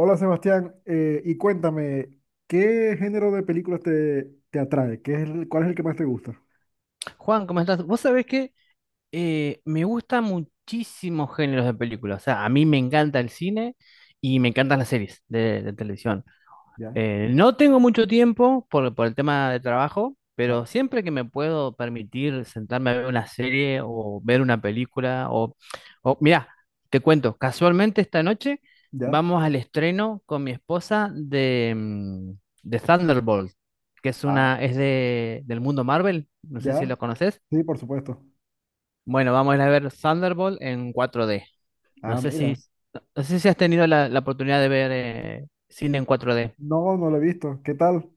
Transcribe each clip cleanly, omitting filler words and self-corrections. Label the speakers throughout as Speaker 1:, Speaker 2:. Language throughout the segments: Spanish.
Speaker 1: Hola Sebastián, y cuéntame, ¿qué género de películas te atrae? ¿Cuál es el que más te gusta?
Speaker 2: Juan, ¿cómo estás? Vos sabés que me gustan muchísimos géneros de películas. O sea, a mí me encanta el cine y me encantan las series de televisión.
Speaker 1: Ya,
Speaker 2: No tengo mucho tiempo por el tema de trabajo, pero
Speaker 1: claro.
Speaker 2: siempre que me puedo permitir sentarme a ver una serie o ver una película, o mirá, te cuento, casualmente esta noche
Speaker 1: Ya,
Speaker 2: vamos al estreno con mi esposa de de Thunderbolt, que es
Speaker 1: ah,
Speaker 2: una, es de, del mundo Marvel, no sé si
Speaker 1: ya,
Speaker 2: lo conoces.
Speaker 1: sí, por supuesto.
Speaker 2: Bueno, vamos a ir a ver Thunderbolt en cuatro d. No
Speaker 1: Ah,
Speaker 2: sé si,
Speaker 1: mira.
Speaker 2: no sé si has tenido la, la oportunidad de ver cine en cuatro d.
Speaker 1: No, no lo he visto. ¿Qué tal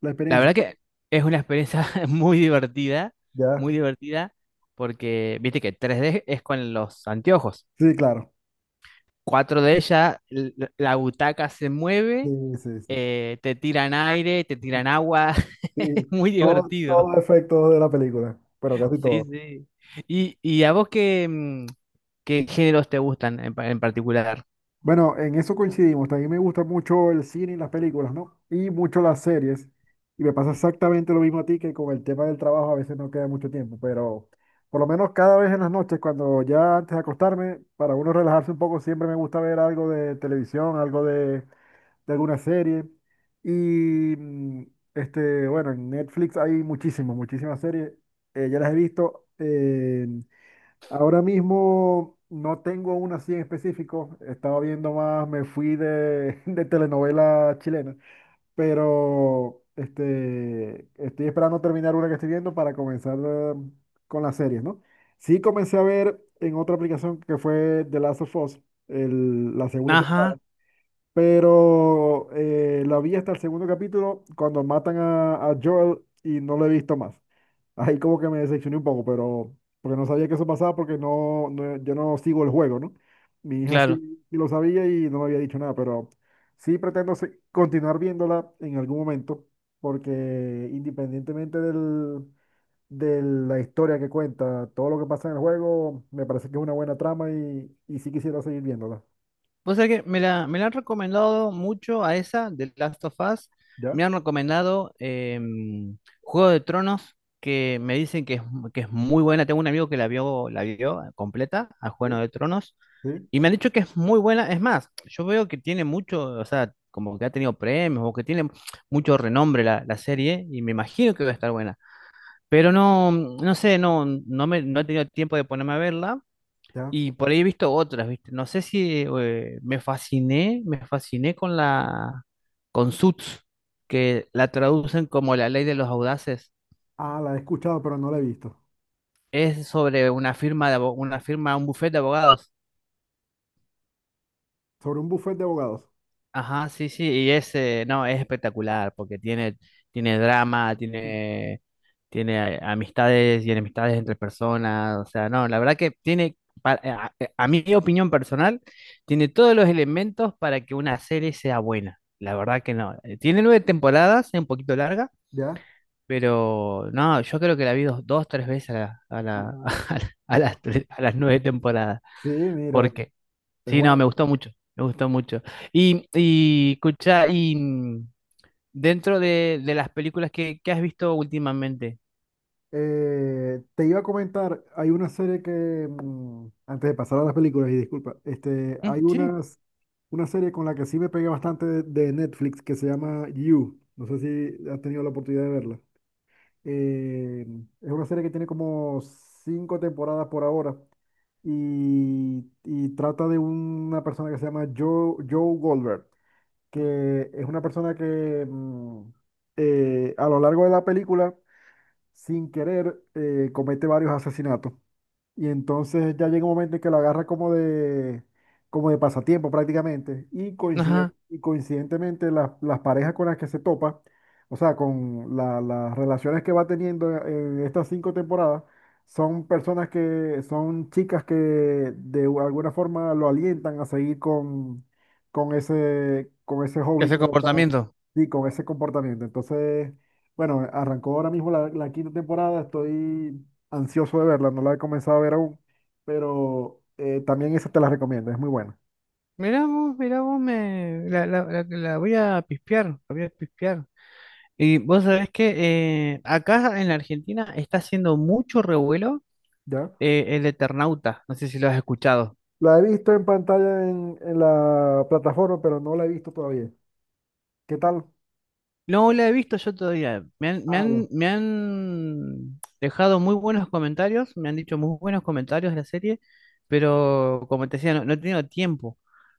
Speaker 1: la
Speaker 2: La
Speaker 1: experiencia?
Speaker 2: verdad que es una experiencia muy
Speaker 1: Ya,
Speaker 2: divertida, porque viste que tres d es con los anteojos.
Speaker 1: sí, claro.
Speaker 2: Cuatro d ya la butaca se
Speaker 1: Sí,
Speaker 2: mueve,
Speaker 1: sí, sí.
Speaker 2: te tiran aire, te tiran agua.
Speaker 1: Sí,
Speaker 2: Es muy
Speaker 1: todos
Speaker 2: divertido.
Speaker 1: los efectos de la película, pero casi
Speaker 2: Sí,
Speaker 1: todos.
Speaker 2: sí. Y a vos qué, qué géneros te gustan en, en particular?
Speaker 1: Bueno, en eso coincidimos. También me gusta mucho el cine y las películas, ¿no? Y mucho las series. Y me pasa exactamente lo mismo a ti que con el tema del trabajo a veces no queda mucho tiempo, pero por lo menos cada vez en las noches, cuando ya antes de acostarme, para uno relajarse un poco, siempre me gusta ver algo de televisión, algo de alguna serie. Y bueno, en Netflix hay muchísimas, muchísimas series. Ya las he visto. Ahora mismo no tengo una así en específico. Estaba viendo más, me fui de telenovela chilena. Pero este, estoy esperando terminar una que estoy viendo para comenzar con las series, ¿no? Sí comencé a ver en otra aplicación que fue The Last of Us, la segunda temporada.
Speaker 2: Ajá,
Speaker 1: Pero la vi hasta el segundo capítulo cuando matan a Joel y no lo he visto más, ahí como que me decepcioné un poco, pero porque no sabía que eso pasaba porque yo no sigo el juego, ¿no? Mi hija
Speaker 2: claro.
Speaker 1: sí, sí lo sabía y no me había dicho nada, pero sí pretendo continuar viéndola en algún momento, porque independientemente de la historia que cuenta, todo lo que pasa en el juego, me parece que es una buena trama y sí quisiera seguir viéndola.
Speaker 2: Vos sabés que me la han recomendado mucho a esa de Last of Us.
Speaker 1: ¿Ya?
Speaker 2: Me han recomendado Juego de Tronos, que me dicen que es muy buena. Tengo un amigo que la vio completa a
Speaker 1: Sí.
Speaker 2: Juego de Tronos.
Speaker 1: Sí,
Speaker 2: Y me han dicho que es muy buena. Es más, yo veo que tiene mucho, o sea, como que ha tenido premios o que tiene mucho renombre la, la serie y me imagino que va a estar buena. Pero no, no sé, no, no me, no he tenido tiempo de ponerme a verla.
Speaker 1: ya.
Speaker 2: Y por ahí he visto otras, ¿viste? No sé si me fasciné, me fasciné con la con Suits, que la traducen como la ley de los audaces.
Speaker 1: Ah, la he escuchado, pero no la he visto.
Speaker 2: Es sobre una firma de una firma, un bufete de abogados.
Speaker 1: Sobre un buffet de abogados.
Speaker 2: Ajá, sí, sí, y es no, es espectacular porque tiene tiene drama, tiene tiene amistades y enemistades entre personas, o sea, no, la verdad que tiene, a mi opinión personal, tiene todos los elementos para que una serie sea buena, la verdad que no. Tiene nueve temporadas, es un poquito larga,
Speaker 1: ¿Ya?
Speaker 2: pero no, yo creo que la vi dos, dos tres veces
Speaker 1: Sí,
Speaker 2: a la- a las, tres- a las nueve temporadas,
Speaker 1: sí, mira,
Speaker 2: porque
Speaker 1: es
Speaker 2: sí, no,
Speaker 1: buena.
Speaker 2: me gustó mucho, me gustó mucho. Y escucha, y dentro de las películas que has visto últimamente,
Speaker 1: Te iba a comentar, hay una serie que, antes de pasar a las películas, y disculpa, este,
Speaker 2: mm, sí.
Speaker 1: una serie con la que sí me pegué bastante de Netflix que se llama You. No sé si has tenido la oportunidad de verla. Eh, es una serie que tiene como cinco temporadas por ahora y trata de una persona que se llama Joe, Joe Goldberg, que es una persona que a lo largo de la película, sin querer, comete varios asesinatos. Y entonces ya llega un momento en que lo agarra como como de pasatiempo prácticamente. Y,
Speaker 2: Ajá.
Speaker 1: y coincidentemente las parejas con las que se topa, o sea, con las relaciones que va teniendo en estas cinco temporadas, son personas que son chicas que de alguna forma lo alientan a seguir con ese
Speaker 2: ¿Qué
Speaker 1: hobby
Speaker 2: es el
Speaker 1: que él está,
Speaker 2: comportamiento?
Speaker 1: y con ese comportamiento. Entonces, bueno, arrancó ahora mismo la quinta temporada, estoy ansioso de verla, no la he comenzado a ver aún, pero también esa te la recomiendo, es muy buena,
Speaker 2: Mirá vos, me... La, la voy a pispear, la voy a pispear. Y vos sabés que acá en la Argentina está haciendo mucho revuelo
Speaker 1: ¿ya?
Speaker 2: el Eternauta, no sé si lo has escuchado.
Speaker 1: La he visto en pantalla en la plataforma, pero no la he visto todavía. ¿Qué tal?
Speaker 2: No lo he visto yo todavía, me han, me
Speaker 1: Ah, ya.
Speaker 2: han, me han dejado muy buenos comentarios, me han dicho muy buenos comentarios de la serie, pero como te decía, no, no he tenido tiempo.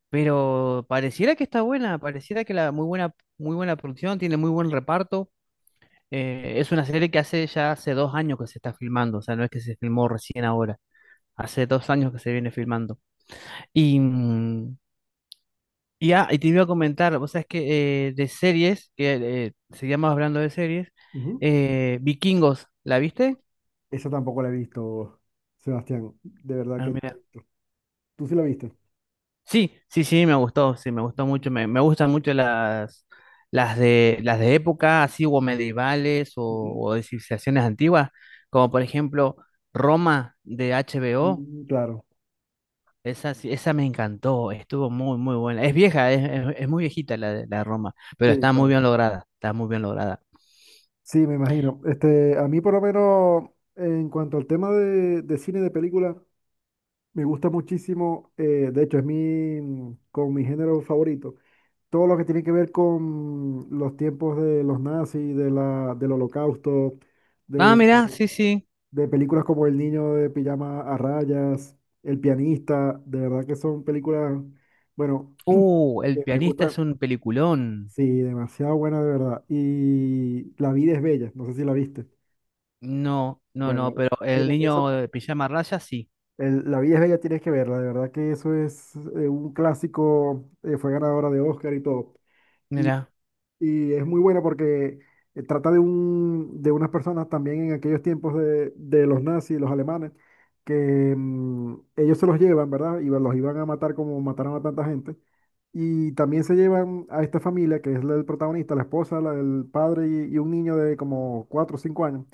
Speaker 2: Pero pareciera que está buena, pareciera que la muy buena producción, tiene muy buen reparto. Es una serie que hace ya hace dos años que se está filmando, o sea, no es que se filmó recién ahora, hace dos años que se viene filmando. Y, mm, y te iba a comentar, o sea, es que de series, que seguíamos hablando de series,
Speaker 1: Ujú.
Speaker 2: Vikingos, ¿la viste?
Speaker 1: Esa tampoco la he visto, Sebastián, de verdad
Speaker 2: Ah,
Speaker 1: que no la he
Speaker 2: mira.
Speaker 1: visto. ¿Tú sí la viste?
Speaker 2: Sí, sí, sí, me gustó mucho, me gustan mucho las de época, así, o medievales,
Speaker 1: Ujú.
Speaker 2: o de civilizaciones antiguas, como por ejemplo Roma de HBO.
Speaker 1: Mm, claro,
Speaker 2: Esa, esa me encantó, estuvo muy, muy buena. Es vieja, es, es muy viejita la de Roma, pero
Speaker 1: sí,
Speaker 2: está muy
Speaker 1: claro.
Speaker 2: bien lograda, está muy bien lograda.
Speaker 1: Sí, me imagino. Este, a mí por lo menos, en cuanto al tema de cine de película, me gusta muchísimo, de hecho es como mi género favorito, todo lo que tiene que ver con los tiempos de los nazis, de del holocausto,
Speaker 2: Ah,
Speaker 1: de,
Speaker 2: mirá, sí, sí.
Speaker 1: de películas como El Niño de pijama a Rayas, El Pianista, de verdad que son películas, bueno,
Speaker 2: El
Speaker 1: que me
Speaker 2: pianista
Speaker 1: gustan,
Speaker 2: es un peliculón.
Speaker 1: sí, demasiado buenas de verdad. Y La Vida Es Bella, no sé si la viste.
Speaker 2: No, no,
Speaker 1: Bueno,
Speaker 2: no, pero El
Speaker 1: tiene esa,
Speaker 2: niño de pijama raya, sí.
Speaker 1: La Vida Es Bella tienes que verla, de verdad que eso es un clásico, fue ganadora de Oscar y todo.
Speaker 2: Mirá,
Speaker 1: Y es muy buena porque trata de unas personas también en aquellos tiempos de los nazis, los alemanes, que ellos se los llevan, ¿verdad? Y los iban a matar como mataron a tanta gente. Y también se llevan a esta familia, que es la del protagonista, la esposa, la del padre y un niño de como 4 o 5 años.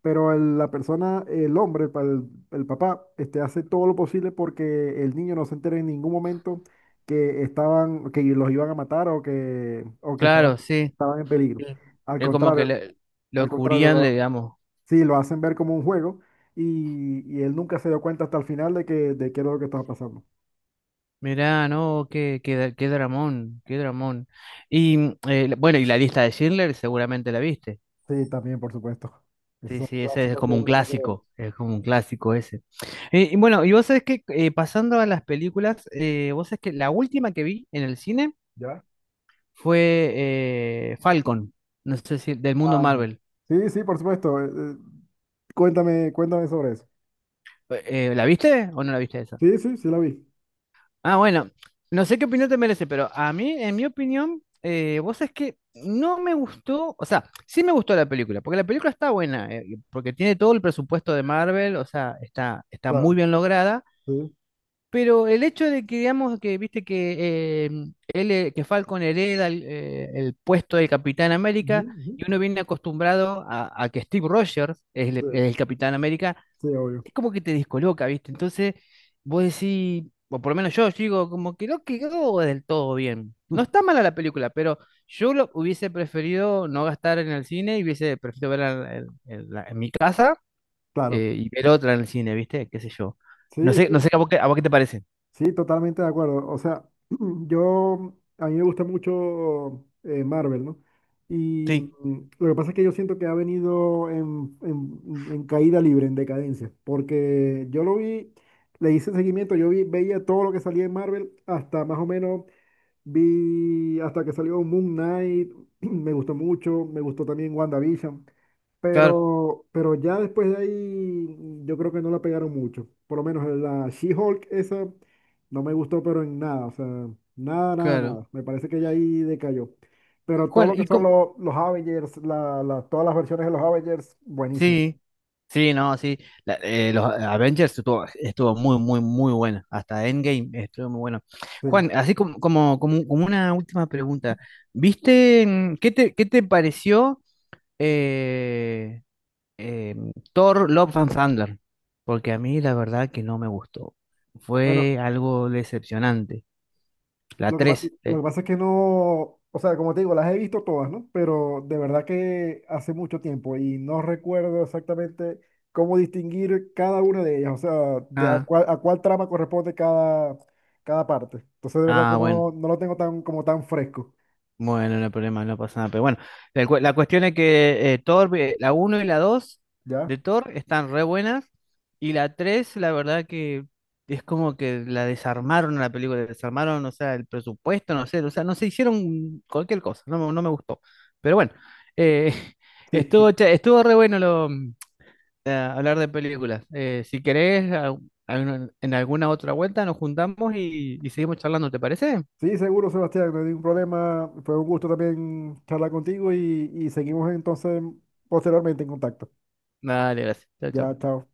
Speaker 1: Pero la persona, el hombre, el papá, este, hace todo lo posible porque el niño no se entere en ningún momento que estaban, que los iban a matar o que
Speaker 2: claro, sí.
Speaker 1: estaban en peligro.
Speaker 2: Sí.
Speaker 1: Al
Speaker 2: Es como que
Speaker 1: contrario,
Speaker 2: lo
Speaker 1: al contrario,
Speaker 2: cubrían, le digamos.
Speaker 1: sí, lo hacen ver como un juego y él nunca se dio cuenta hasta el final de qué era lo que estaba pasando.
Speaker 2: Mirá, no, qué, qué, qué dramón, qué dramón. Y bueno, y la lista de Schindler seguramente la viste.
Speaker 1: Sí, también, por supuesto. Esos
Speaker 2: Sí,
Speaker 1: son
Speaker 2: sí, ese es
Speaker 1: clásicos que
Speaker 2: como un
Speaker 1: uno tiene que ver.
Speaker 2: clásico, es como un clásico ese. Y bueno, y vos sabés que pasando a las películas, vos sabés que la última que vi en el cine
Speaker 1: ¿Ya?
Speaker 2: fue Falcon, no sé si del mundo
Speaker 1: Ah,
Speaker 2: Marvel.
Speaker 1: sí, sí, por supuesto. Cuéntame, cuéntame sobre eso.
Speaker 2: ¿La viste o no la viste esa?
Speaker 1: Sí, sí, sí la vi.
Speaker 2: Ah, bueno, no sé qué opinión te merece, pero a mí, en mi opinión, vos sabés que no me gustó, o sea, sí me gustó la película, porque la película está buena, porque tiene todo el presupuesto de Marvel, o sea, está, está muy
Speaker 1: Claro.
Speaker 2: bien lograda.
Speaker 1: Sí.
Speaker 2: Pero el hecho de que, digamos, que viste que, que Falcon hereda el puesto de Capitán
Speaker 1: Ujú,
Speaker 2: América
Speaker 1: ujú.
Speaker 2: y uno viene acostumbrado a que Steve Rogers es
Speaker 1: Sí,
Speaker 2: el Capitán América,
Speaker 1: sí, obvio.
Speaker 2: es como que te descoloca, ¿viste? Entonces, vos decís, o por lo menos yo, digo, como que no quedó del todo bien. No está mala la película, pero yo lo hubiese preferido no gastar en el cine y hubiese preferido verla en, en mi casa
Speaker 1: Claro.
Speaker 2: y ver otra en el cine, ¿viste? ¿Qué sé yo? No
Speaker 1: Sí,
Speaker 2: sé,
Speaker 1: sí.
Speaker 2: no sé a vos qué te parece.
Speaker 1: Sí, totalmente de acuerdo. O sea, yo, a mí me gusta mucho Marvel, ¿no? Y
Speaker 2: Sí.
Speaker 1: lo que pasa es que yo siento que ha venido en caída libre, en decadencia, porque yo lo vi, le hice seguimiento, yo vi, veía todo lo que salía en Marvel hasta más o menos. Vi hasta que salió Moon Knight, me gustó mucho, me gustó también WandaVision,
Speaker 2: Claro,
Speaker 1: pero ya después de ahí yo creo que no la pegaron mucho. Por lo menos la She-Hulk esa no me gustó, pero en nada, o sea, nada, nada,
Speaker 2: claro.
Speaker 1: nada. Me parece que ya ahí decayó. Pero todo
Speaker 2: Juan,
Speaker 1: lo que
Speaker 2: y
Speaker 1: son los Avengers, todas las versiones de los Avengers, buenísimas.
Speaker 2: sí, sí, no, sí. Los Avengers estuvo, estuvo muy, muy, muy bueno. Hasta Endgame estuvo muy bueno.
Speaker 1: Sí.
Speaker 2: Juan, así como, como, como, como una última pregunta. ¿Viste qué te pareció eh, eh, Thor Love and Thunder? Porque a mí la verdad que no me gustó.
Speaker 1: Bueno,
Speaker 2: Fue algo decepcionante. La
Speaker 1: Lo que, pa-
Speaker 2: 3.
Speaker 1: lo que pasa es que no, o sea, como te digo, las he visto todas, ¿no? Pero de verdad que hace mucho tiempo y no recuerdo exactamente cómo distinguir cada una de ellas, o sea,
Speaker 2: Ah,
Speaker 1: a cuál trama corresponde cada parte. Entonces, de verdad que
Speaker 2: bueno.
Speaker 1: no, no lo tengo tan, como tan fresco,
Speaker 2: Bueno, no hay problema, no pasa nada. Pero bueno, la, la cuestión es que Thor, la uno y la 2
Speaker 1: ¿ya?
Speaker 2: de Thor están re buenas. Y la 3 la verdad que es como que la desarmaron a la película, desarmaron, o sea, el presupuesto, no sé, o sea, no se hicieron cualquier cosa, no, me no me gustó. Pero bueno, eh, estuvo,
Speaker 1: Sí,
Speaker 2: estuvo re bueno lo, hablar de películas. Si querés, en alguna otra vuelta nos juntamos y seguimos charlando, ¿te parece?
Speaker 1: sí, seguro, Sebastián, no hay ningún problema. Fue un gusto también charlar contigo y seguimos entonces posteriormente en contacto.
Speaker 2: Dale, gracias. Chao,
Speaker 1: Ya,
Speaker 2: chao.
Speaker 1: chao.